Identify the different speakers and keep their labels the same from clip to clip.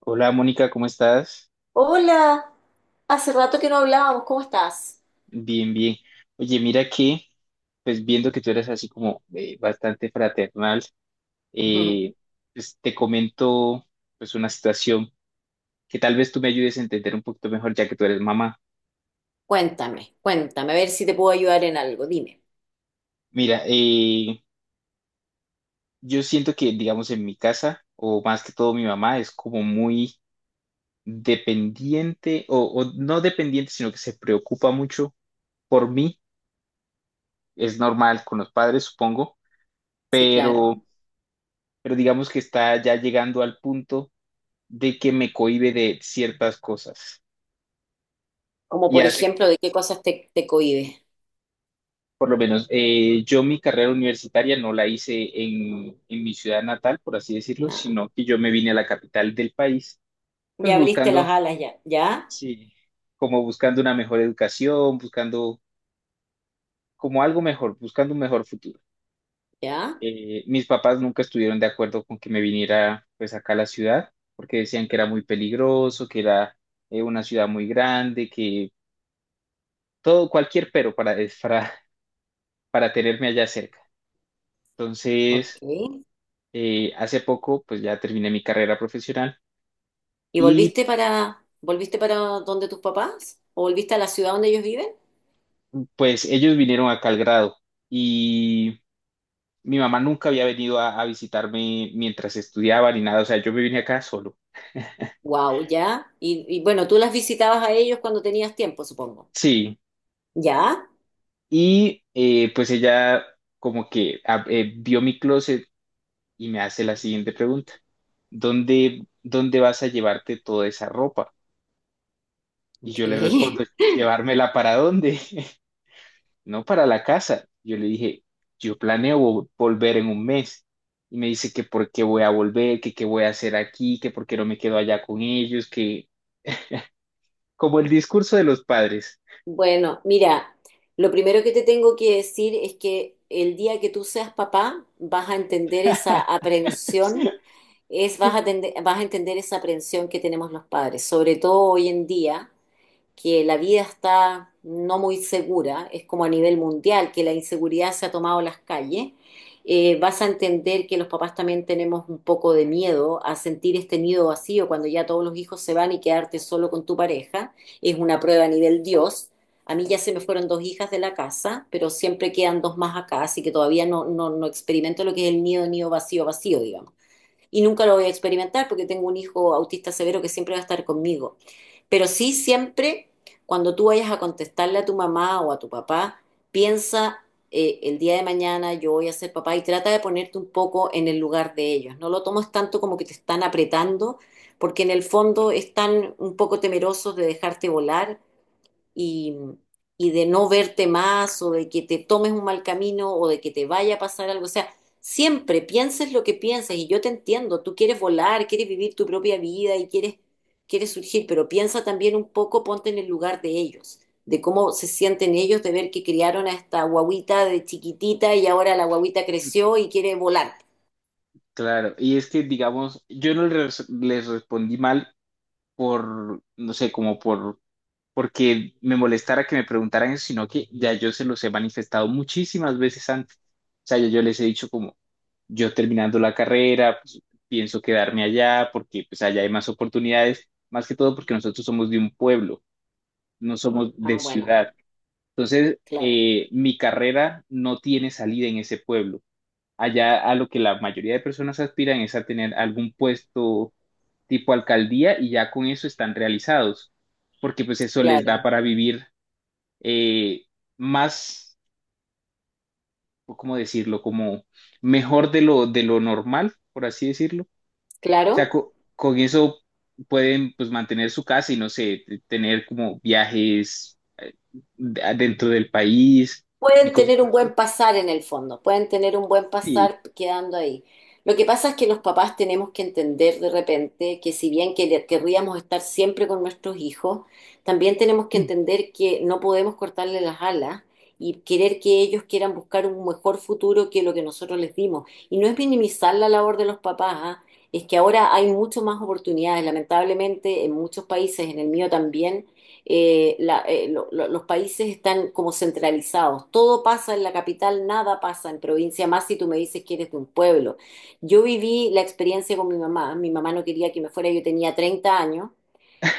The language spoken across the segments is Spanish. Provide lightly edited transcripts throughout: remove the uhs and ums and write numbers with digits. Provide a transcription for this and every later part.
Speaker 1: Hola Mónica, ¿cómo estás?
Speaker 2: Hola, hace rato que no hablábamos, ¿cómo estás?
Speaker 1: Bien, bien. Oye, mira que, pues viendo que tú eres así como bastante fraternal, eh, pues te comento pues una situación que tal vez tú me ayudes a entender un poquito mejor ya que tú eres mamá.
Speaker 2: Cuéntame, cuéntame, a ver si te puedo ayudar en algo, dime.
Speaker 1: Mira, yo siento que, digamos, en mi casa, o más que todo mi mamá, es como muy dependiente, o no dependiente, sino que se preocupa mucho por mí. Es normal con los padres, supongo,
Speaker 2: Sí, claro.
Speaker 1: pero... pero digamos que está ya llegando al punto de que me cohíbe de ciertas cosas
Speaker 2: Como
Speaker 1: y
Speaker 2: por
Speaker 1: hace,
Speaker 2: ejemplo, ¿de qué cosas te cohibes?
Speaker 1: por lo menos, yo mi carrera universitaria no la hice en mi ciudad natal, por así decirlo,
Speaker 2: Ah,
Speaker 1: sino que yo me vine a la capital del país, pues
Speaker 2: ya abriste las
Speaker 1: buscando,
Speaker 2: alas, ya, ya,
Speaker 1: sí, como buscando una mejor educación, buscando como algo mejor, buscando un mejor futuro.
Speaker 2: ya,
Speaker 1: Mis papás nunca estuvieron de acuerdo con que me viniera pues acá a la ciudad, porque decían que era muy peligroso, que era una ciudad muy grande, que todo, cualquier pero para, es para tenerme allá cerca.
Speaker 2: ok.
Speaker 1: Entonces, hace poco, pues ya terminé mi carrera profesional
Speaker 2: ¿Y
Speaker 1: y
Speaker 2: volviste para, volviste para donde tus papás? ¿O volviste a la ciudad donde ellos viven?
Speaker 1: pues ellos vinieron acá al grado y mi mamá nunca había venido a visitarme mientras estudiaba ni nada, o sea, yo me vine acá solo.
Speaker 2: Wow, ya. Y bueno, tú las visitabas a ellos cuando tenías tiempo, supongo.
Speaker 1: Sí,
Speaker 2: Ya,
Speaker 1: y pues ella como que vio mi closet y me hace la siguiente pregunta, ¿¿dónde vas a llevarte toda esa ropa? Y
Speaker 2: ok.
Speaker 1: yo le respondo, ¿llevármela para dónde? No, para la casa. Yo le dije, yo planeo volver en un mes. Y me dice que por qué voy a volver, que qué voy a hacer aquí, que por qué no me quedo allá con ellos, que como el discurso de los padres.
Speaker 2: Bueno, mira, lo primero que te tengo que decir es que el día que tú seas papá vas a entender esa aprensión, es, vas a entender esa aprensión que tenemos los padres, sobre todo hoy en día, que la vida está no muy segura, es como a nivel mundial, que la inseguridad se ha tomado las calles, vas a entender que los papás también tenemos un poco de miedo a sentir este nido vacío cuando ya todos los hijos se van y quedarte solo con tu pareja. Es una prueba a nivel Dios. A mí ya se me fueron dos hijas de la casa, pero siempre quedan dos más acá, así que todavía no, no, no experimento lo que es el nido, nido vacío, vacío, digamos. Y nunca lo voy a experimentar porque tengo un hijo autista severo que siempre va a estar conmigo. Pero sí siempre, cuando tú vayas a contestarle a tu mamá o a tu papá, piensa el día de mañana yo voy a ser papá y trata de ponerte un poco en el lugar de ellos. No lo tomes tanto como que te están apretando, porque en el fondo están un poco temerosos de dejarte volar y, y de no verte más o de que te tomes un mal camino o de que te vaya a pasar algo. O sea, siempre pienses lo que pienses y yo te entiendo, tú quieres volar, quieres vivir tu propia vida y quieres, quieres surgir, pero piensa también un poco, ponte en el lugar de ellos, de cómo se sienten ellos de ver que criaron a esta guaguita de chiquitita y ahora la guaguita creció y quiere volar.
Speaker 1: Claro, y es que, digamos, yo no les, les respondí mal por, no sé, como por, porque me molestara que me preguntaran eso, sino que ya yo se los he manifestado muchísimas veces antes. O sea, ya yo les he dicho como, yo terminando la carrera, pues, pienso quedarme allá porque pues allá hay más oportunidades, más que todo porque nosotros somos de un pueblo, no somos de
Speaker 2: Ah, bueno,
Speaker 1: ciudad. Entonces,
Speaker 2: claro,
Speaker 1: mi carrera no tiene salida en ese pueblo. Allá a lo que la mayoría de personas aspiran es a tener algún puesto tipo alcaldía y ya con eso están realizados, porque pues eso les da
Speaker 2: claro,
Speaker 1: para vivir eh, más, o ¿cómo decirlo? Como mejor de lo normal, por así decirlo sea,
Speaker 2: claro.
Speaker 1: con eso pueden pues mantener su casa y no sé, tener como viajes dentro del país y
Speaker 2: Pueden
Speaker 1: cosas
Speaker 2: tener un
Speaker 1: así.
Speaker 2: buen pasar en el fondo, pueden tener un buen
Speaker 1: Sí.
Speaker 2: pasar quedando ahí. Lo que pasa es que los papás tenemos que entender de repente que si bien querríamos estar siempre con nuestros hijos, también tenemos que entender que no podemos cortarle las alas y querer que ellos quieran buscar un mejor futuro que lo que nosotros les dimos. Y no es minimizar la labor de los papás, ¿ah? Es que ahora hay mucho más oportunidades, lamentablemente en muchos países, en el mío también los países están como centralizados. Todo pasa en la capital, nada pasa en provincia, más si tú me dices que eres de un pueblo. Yo viví la experiencia con mi mamá. Mi mamá no quería que me fuera, yo tenía 30 años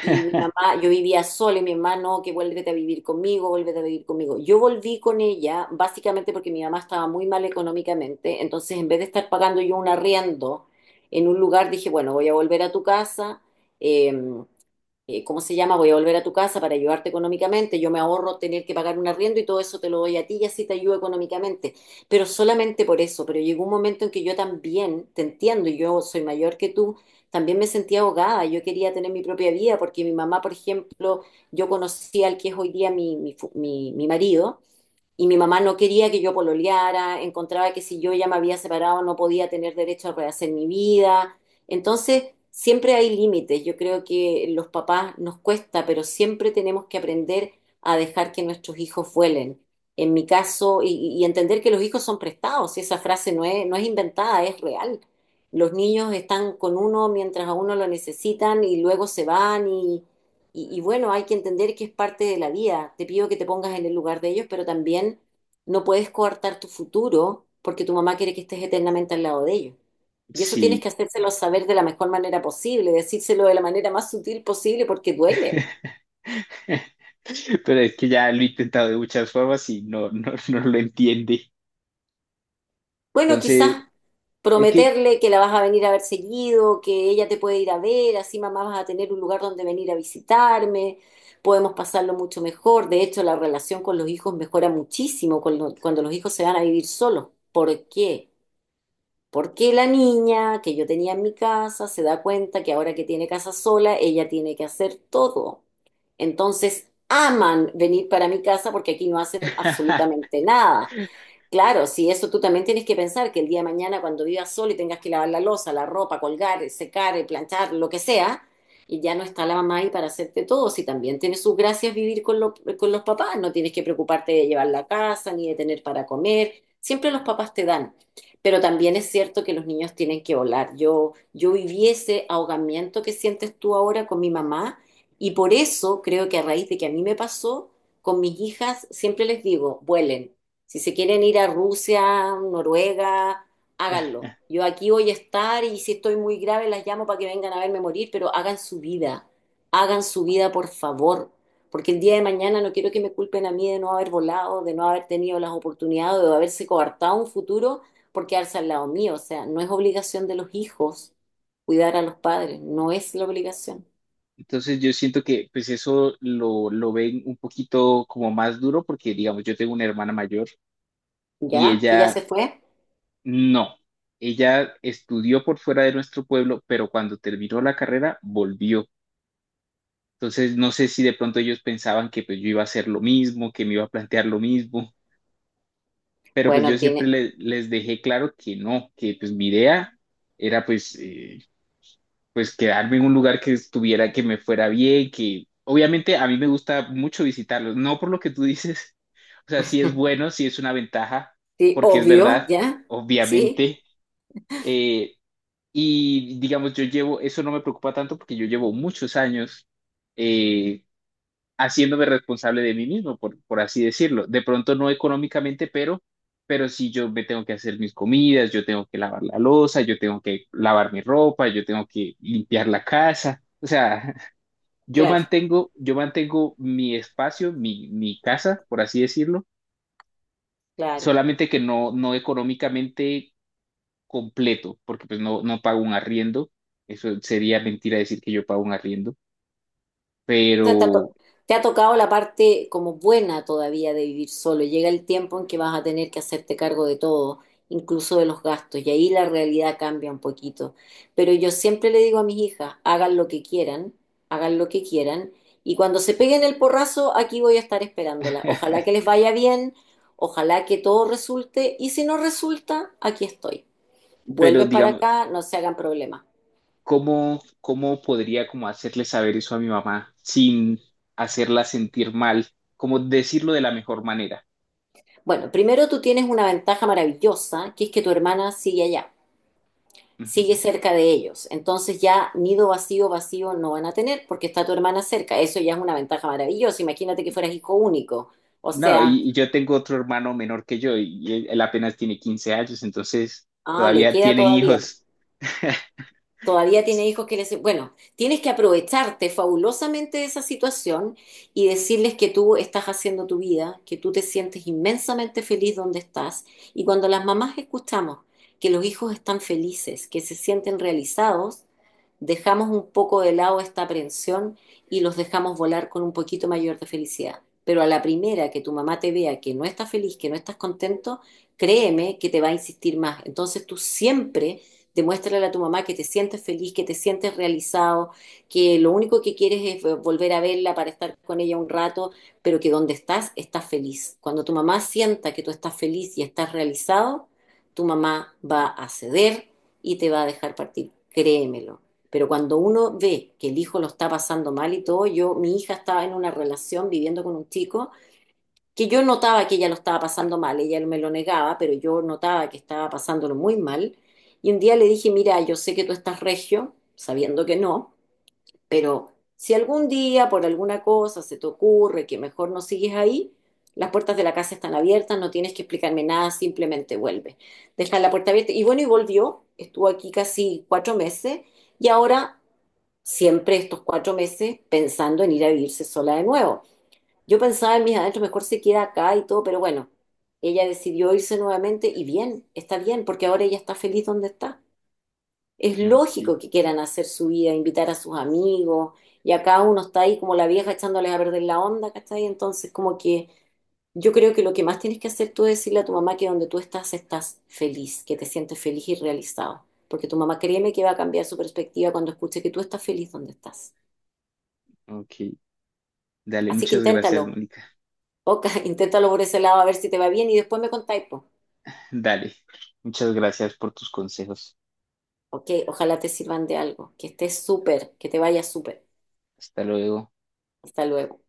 Speaker 2: y mi mamá, yo vivía sola y mi mamá no, que vuélvete a vivir conmigo, vuélvete a vivir conmigo. Yo volví con ella básicamente porque mi mamá estaba muy mal económicamente, entonces en vez de estar pagando yo un arriendo en un lugar, dije, bueno, voy a volver a tu casa. eh, ¿Cómo se llama? Voy a volver a tu casa para ayudarte económicamente, yo me ahorro tener que pagar un arriendo y todo eso te lo doy a ti y así te ayudo económicamente, pero solamente por eso, pero llegó un momento en que yo también, te entiendo, y yo soy mayor que tú, también me sentía ahogada, yo quería tener mi propia vida porque mi mamá, por ejemplo, yo conocí al que es hoy día mi, mi marido, y mi mamá no quería que yo pololeara, encontraba que si yo ya me había separado no podía tener derecho a rehacer mi vida. Entonces, siempre hay límites. Yo creo que los papás nos cuesta, pero siempre tenemos que aprender a dejar que nuestros hijos vuelen. En mi caso, y entender que los hijos son prestados, y esa frase no es, no es inventada, es real. Los niños están con uno mientras a uno lo necesitan y luego se van y bueno, hay que entender que es parte de la vida. Te pido que te pongas en el lugar de ellos, pero también no puedes coartar tu futuro porque tu mamá quiere que estés eternamente al lado de ellos. Y eso tienes que
Speaker 1: Sí.
Speaker 2: hacérselo saber de la mejor manera posible, decírselo de la manera más sutil posible porque duele.
Speaker 1: Pero es que ya lo he intentado de muchas formas y no, no, no lo entiende.
Speaker 2: Bueno,
Speaker 1: Entonces,
Speaker 2: quizás
Speaker 1: es que
Speaker 2: prometerle que la vas a venir a ver seguido, que ella te puede ir a ver, así mamá vas a tener un lugar donde venir a visitarme, podemos pasarlo mucho mejor. De hecho, la relación con los hijos mejora muchísimo con cuando los hijos se van a vivir solos. ¿Por qué? Porque la niña que yo tenía en mi casa se da cuenta que ahora que tiene casa sola, ella tiene que hacer todo. Entonces, aman venir para mi casa porque aquí no hacen absolutamente nada. Claro, si eso tú también tienes que pensar que el día de mañana cuando vivas solo y tengas que lavar la loza, la ropa, colgar, secar, planchar, lo que sea, y ya no está la mamá ahí para hacerte todo, si también tiene sus gracias vivir con, con los papás, no tienes que preocuparte de llevar la casa ni de tener para comer, siempre los papás te dan. Pero también es cierto que los niños tienen que volar. Yo viví ese ahogamiento que sientes tú ahora con mi mamá y por eso creo que a raíz de que a mí me pasó, con mis hijas siempre les digo, vuelen si se quieren ir a Rusia, Noruega, háganlo. Yo aquí voy a estar y si estoy muy grave las llamo para que vengan a verme morir, pero hagan su vida por favor, porque el día de mañana no quiero que me culpen a mí de no haber volado, de no haber tenido las oportunidades, de haberse coartado un futuro por quedarse al lado mío. O sea, no es obligación de los hijos cuidar a los padres, no es la obligación.
Speaker 1: entonces yo siento que pues eso lo ven un poquito como más duro porque digamos yo tengo una hermana mayor y
Speaker 2: ¿Ya? ¿Que ya se
Speaker 1: ella
Speaker 2: fue?
Speaker 1: no, ella estudió por fuera de nuestro pueblo, pero cuando terminó la carrera volvió. Entonces, no sé si de pronto ellos pensaban que pues yo iba a hacer lo mismo, que me iba a plantear lo mismo, pero pues yo
Speaker 2: Bueno,
Speaker 1: siempre
Speaker 2: tiene,
Speaker 1: les dejé claro que no, que pues mi idea era pues, pues quedarme en un lugar que estuviera, que me fuera bien, que obviamente a mí me gusta mucho visitarlos, no por lo que tú dices, o sea, sí es bueno, sí es una ventaja,
Speaker 2: sí,
Speaker 1: porque es
Speaker 2: obvio,
Speaker 1: verdad,
Speaker 2: ¿ya? Sí,
Speaker 1: obviamente. eh, Y digamos, yo llevo, eso no me preocupa tanto porque yo llevo muchos años eh, haciéndome responsable de mí mismo, por así decirlo. De pronto no económicamente, pero sí yo me tengo que hacer mis comidas, yo tengo que lavar la loza, yo tengo que lavar mi ropa, yo tengo que limpiar la casa. O sea,
Speaker 2: claro,
Speaker 1: yo mantengo mi espacio, mi casa, por así decirlo,
Speaker 2: claro.
Speaker 1: solamente que no, no económicamente completo, porque pues no, no pago un arriendo. Eso sería mentira decir que yo pago un arriendo,
Speaker 2: Sea,
Speaker 1: pero,
Speaker 2: te ha tocado la parte como buena todavía de vivir solo. Llega el tiempo en que vas a tener que hacerte cargo de todo, incluso de los gastos, y ahí la realidad cambia un poquito. Pero yo siempre le digo a mis hijas, hagan lo que quieran, hagan lo que quieran, y cuando se peguen el porrazo, aquí voy a estar esperándola. Ojalá que les vaya bien, ojalá que todo resulte, y si no resulta, aquí estoy.
Speaker 1: pero
Speaker 2: Vuelven para
Speaker 1: digamos,
Speaker 2: acá, no se hagan problemas.
Speaker 1: ¿cómo, cómo podría como hacerle saber eso a mi mamá sin hacerla sentir mal? Como decirlo de la mejor manera.
Speaker 2: Bueno, primero tú tienes una ventaja maravillosa, que es que tu hermana sigue allá. Sigue
Speaker 1: Ujú.
Speaker 2: cerca de ellos. Entonces ya nido vacío, vacío no van a tener porque está tu hermana cerca. Eso ya es una ventaja maravillosa. Imagínate que fueras hijo único. O
Speaker 1: No,
Speaker 2: sea,
Speaker 1: y yo tengo otro hermano menor que yo y él apenas tiene 15 años, entonces
Speaker 2: ah, le
Speaker 1: todavía
Speaker 2: queda
Speaker 1: tiene
Speaker 2: todavía.
Speaker 1: hijos.
Speaker 2: Todavía tiene hijos que les... Bueno, tienes que aprovecharte fabulosamente de esa situación y decirles que tú estás haciendo tu vida, que tú te sientes inmensamente feliz donde estás. Y cuando las mamás escuchamos que los hijos están felices, que se sienten realizados, dejamos un poco de lado esta aprensión y los dejamos volar con un poquito mayor de felicidad. Pero a la primera que tu mamá te vea que no estás feliz, que no estás contento, créeme que te va a insistir más. Entonces tú siempre demuéstrale a tu mamá que te sientes feliz, que te sientes realizado, que lo único que quieres es volver a verla para estar con ella un rato, pero que donde estás, estás feliz. Cuando tu mamá sienta que tú estás feliz y estás realizado, tu mamá va a ceder y te va a dejar partir, créemelo. Pero cuando uno ve que el hijo lo está pasando mal y todo, yo, mi hija estaba en una relación viviendo con un chico que yo notaba que ella lo estaba pasando mal, ella me lo negaba, pero yo notaba que estaba pasándolo muy mal. Y un día le dije, mira, yo sé que tú estás regio, sabiendo que no, pero si algún día por alguna cosa se te ocurre que mejor no sigues ahí, las puertas de la casa están abiertas, no tienes que explicarme nada, simplemente vuelve. Deja la puerta abierta. Y bueno, y volvió, estuvo aquí casi 4 meses y ahora siempre estos 4 meses pensando en ir a vivirse sola de nuevo. Yo pensaba en mis adentros, mejor se queda acá y todo, pero bueno, ella decidió irse nuevamente y bien, está bien, porque ahora ella está feliz donde está. Es
Speaker 1: Ok,
Speaker 2: lógico que quieran hacer su vida, invitar a sus amigos, y acá uno está ahí como la vieja echándoles a perder la onda, ¿cachai? Entonces, como que yo creo que lo que más tienes que hacer tú es decirle a tu mamá que donde tú estás estás feliz, que te sientes feliz y realizado, porque tu mamá créeme que va a cambiar su perspectiva cuando escuche que tú estás feliz donde estás.
Speaker 1: ok. Dale,
Speaker 2: Así que
Speaker 1: muchas
Speaker 2: inténtalo,
Speaker 1: gracias, Mónica.
Speaker 2: Oca, inténtalo por ese lado a ver si te va bien y después me contáis, po.
Speaker 1: Dale, muchas gracias por tus consejos.
Speaker 2: Ok, ojalá te sirvan de algo. Que estés súper, que te vaya súper.
Speaker 1: Hasta luego.
Speaker 2: Hasta luego.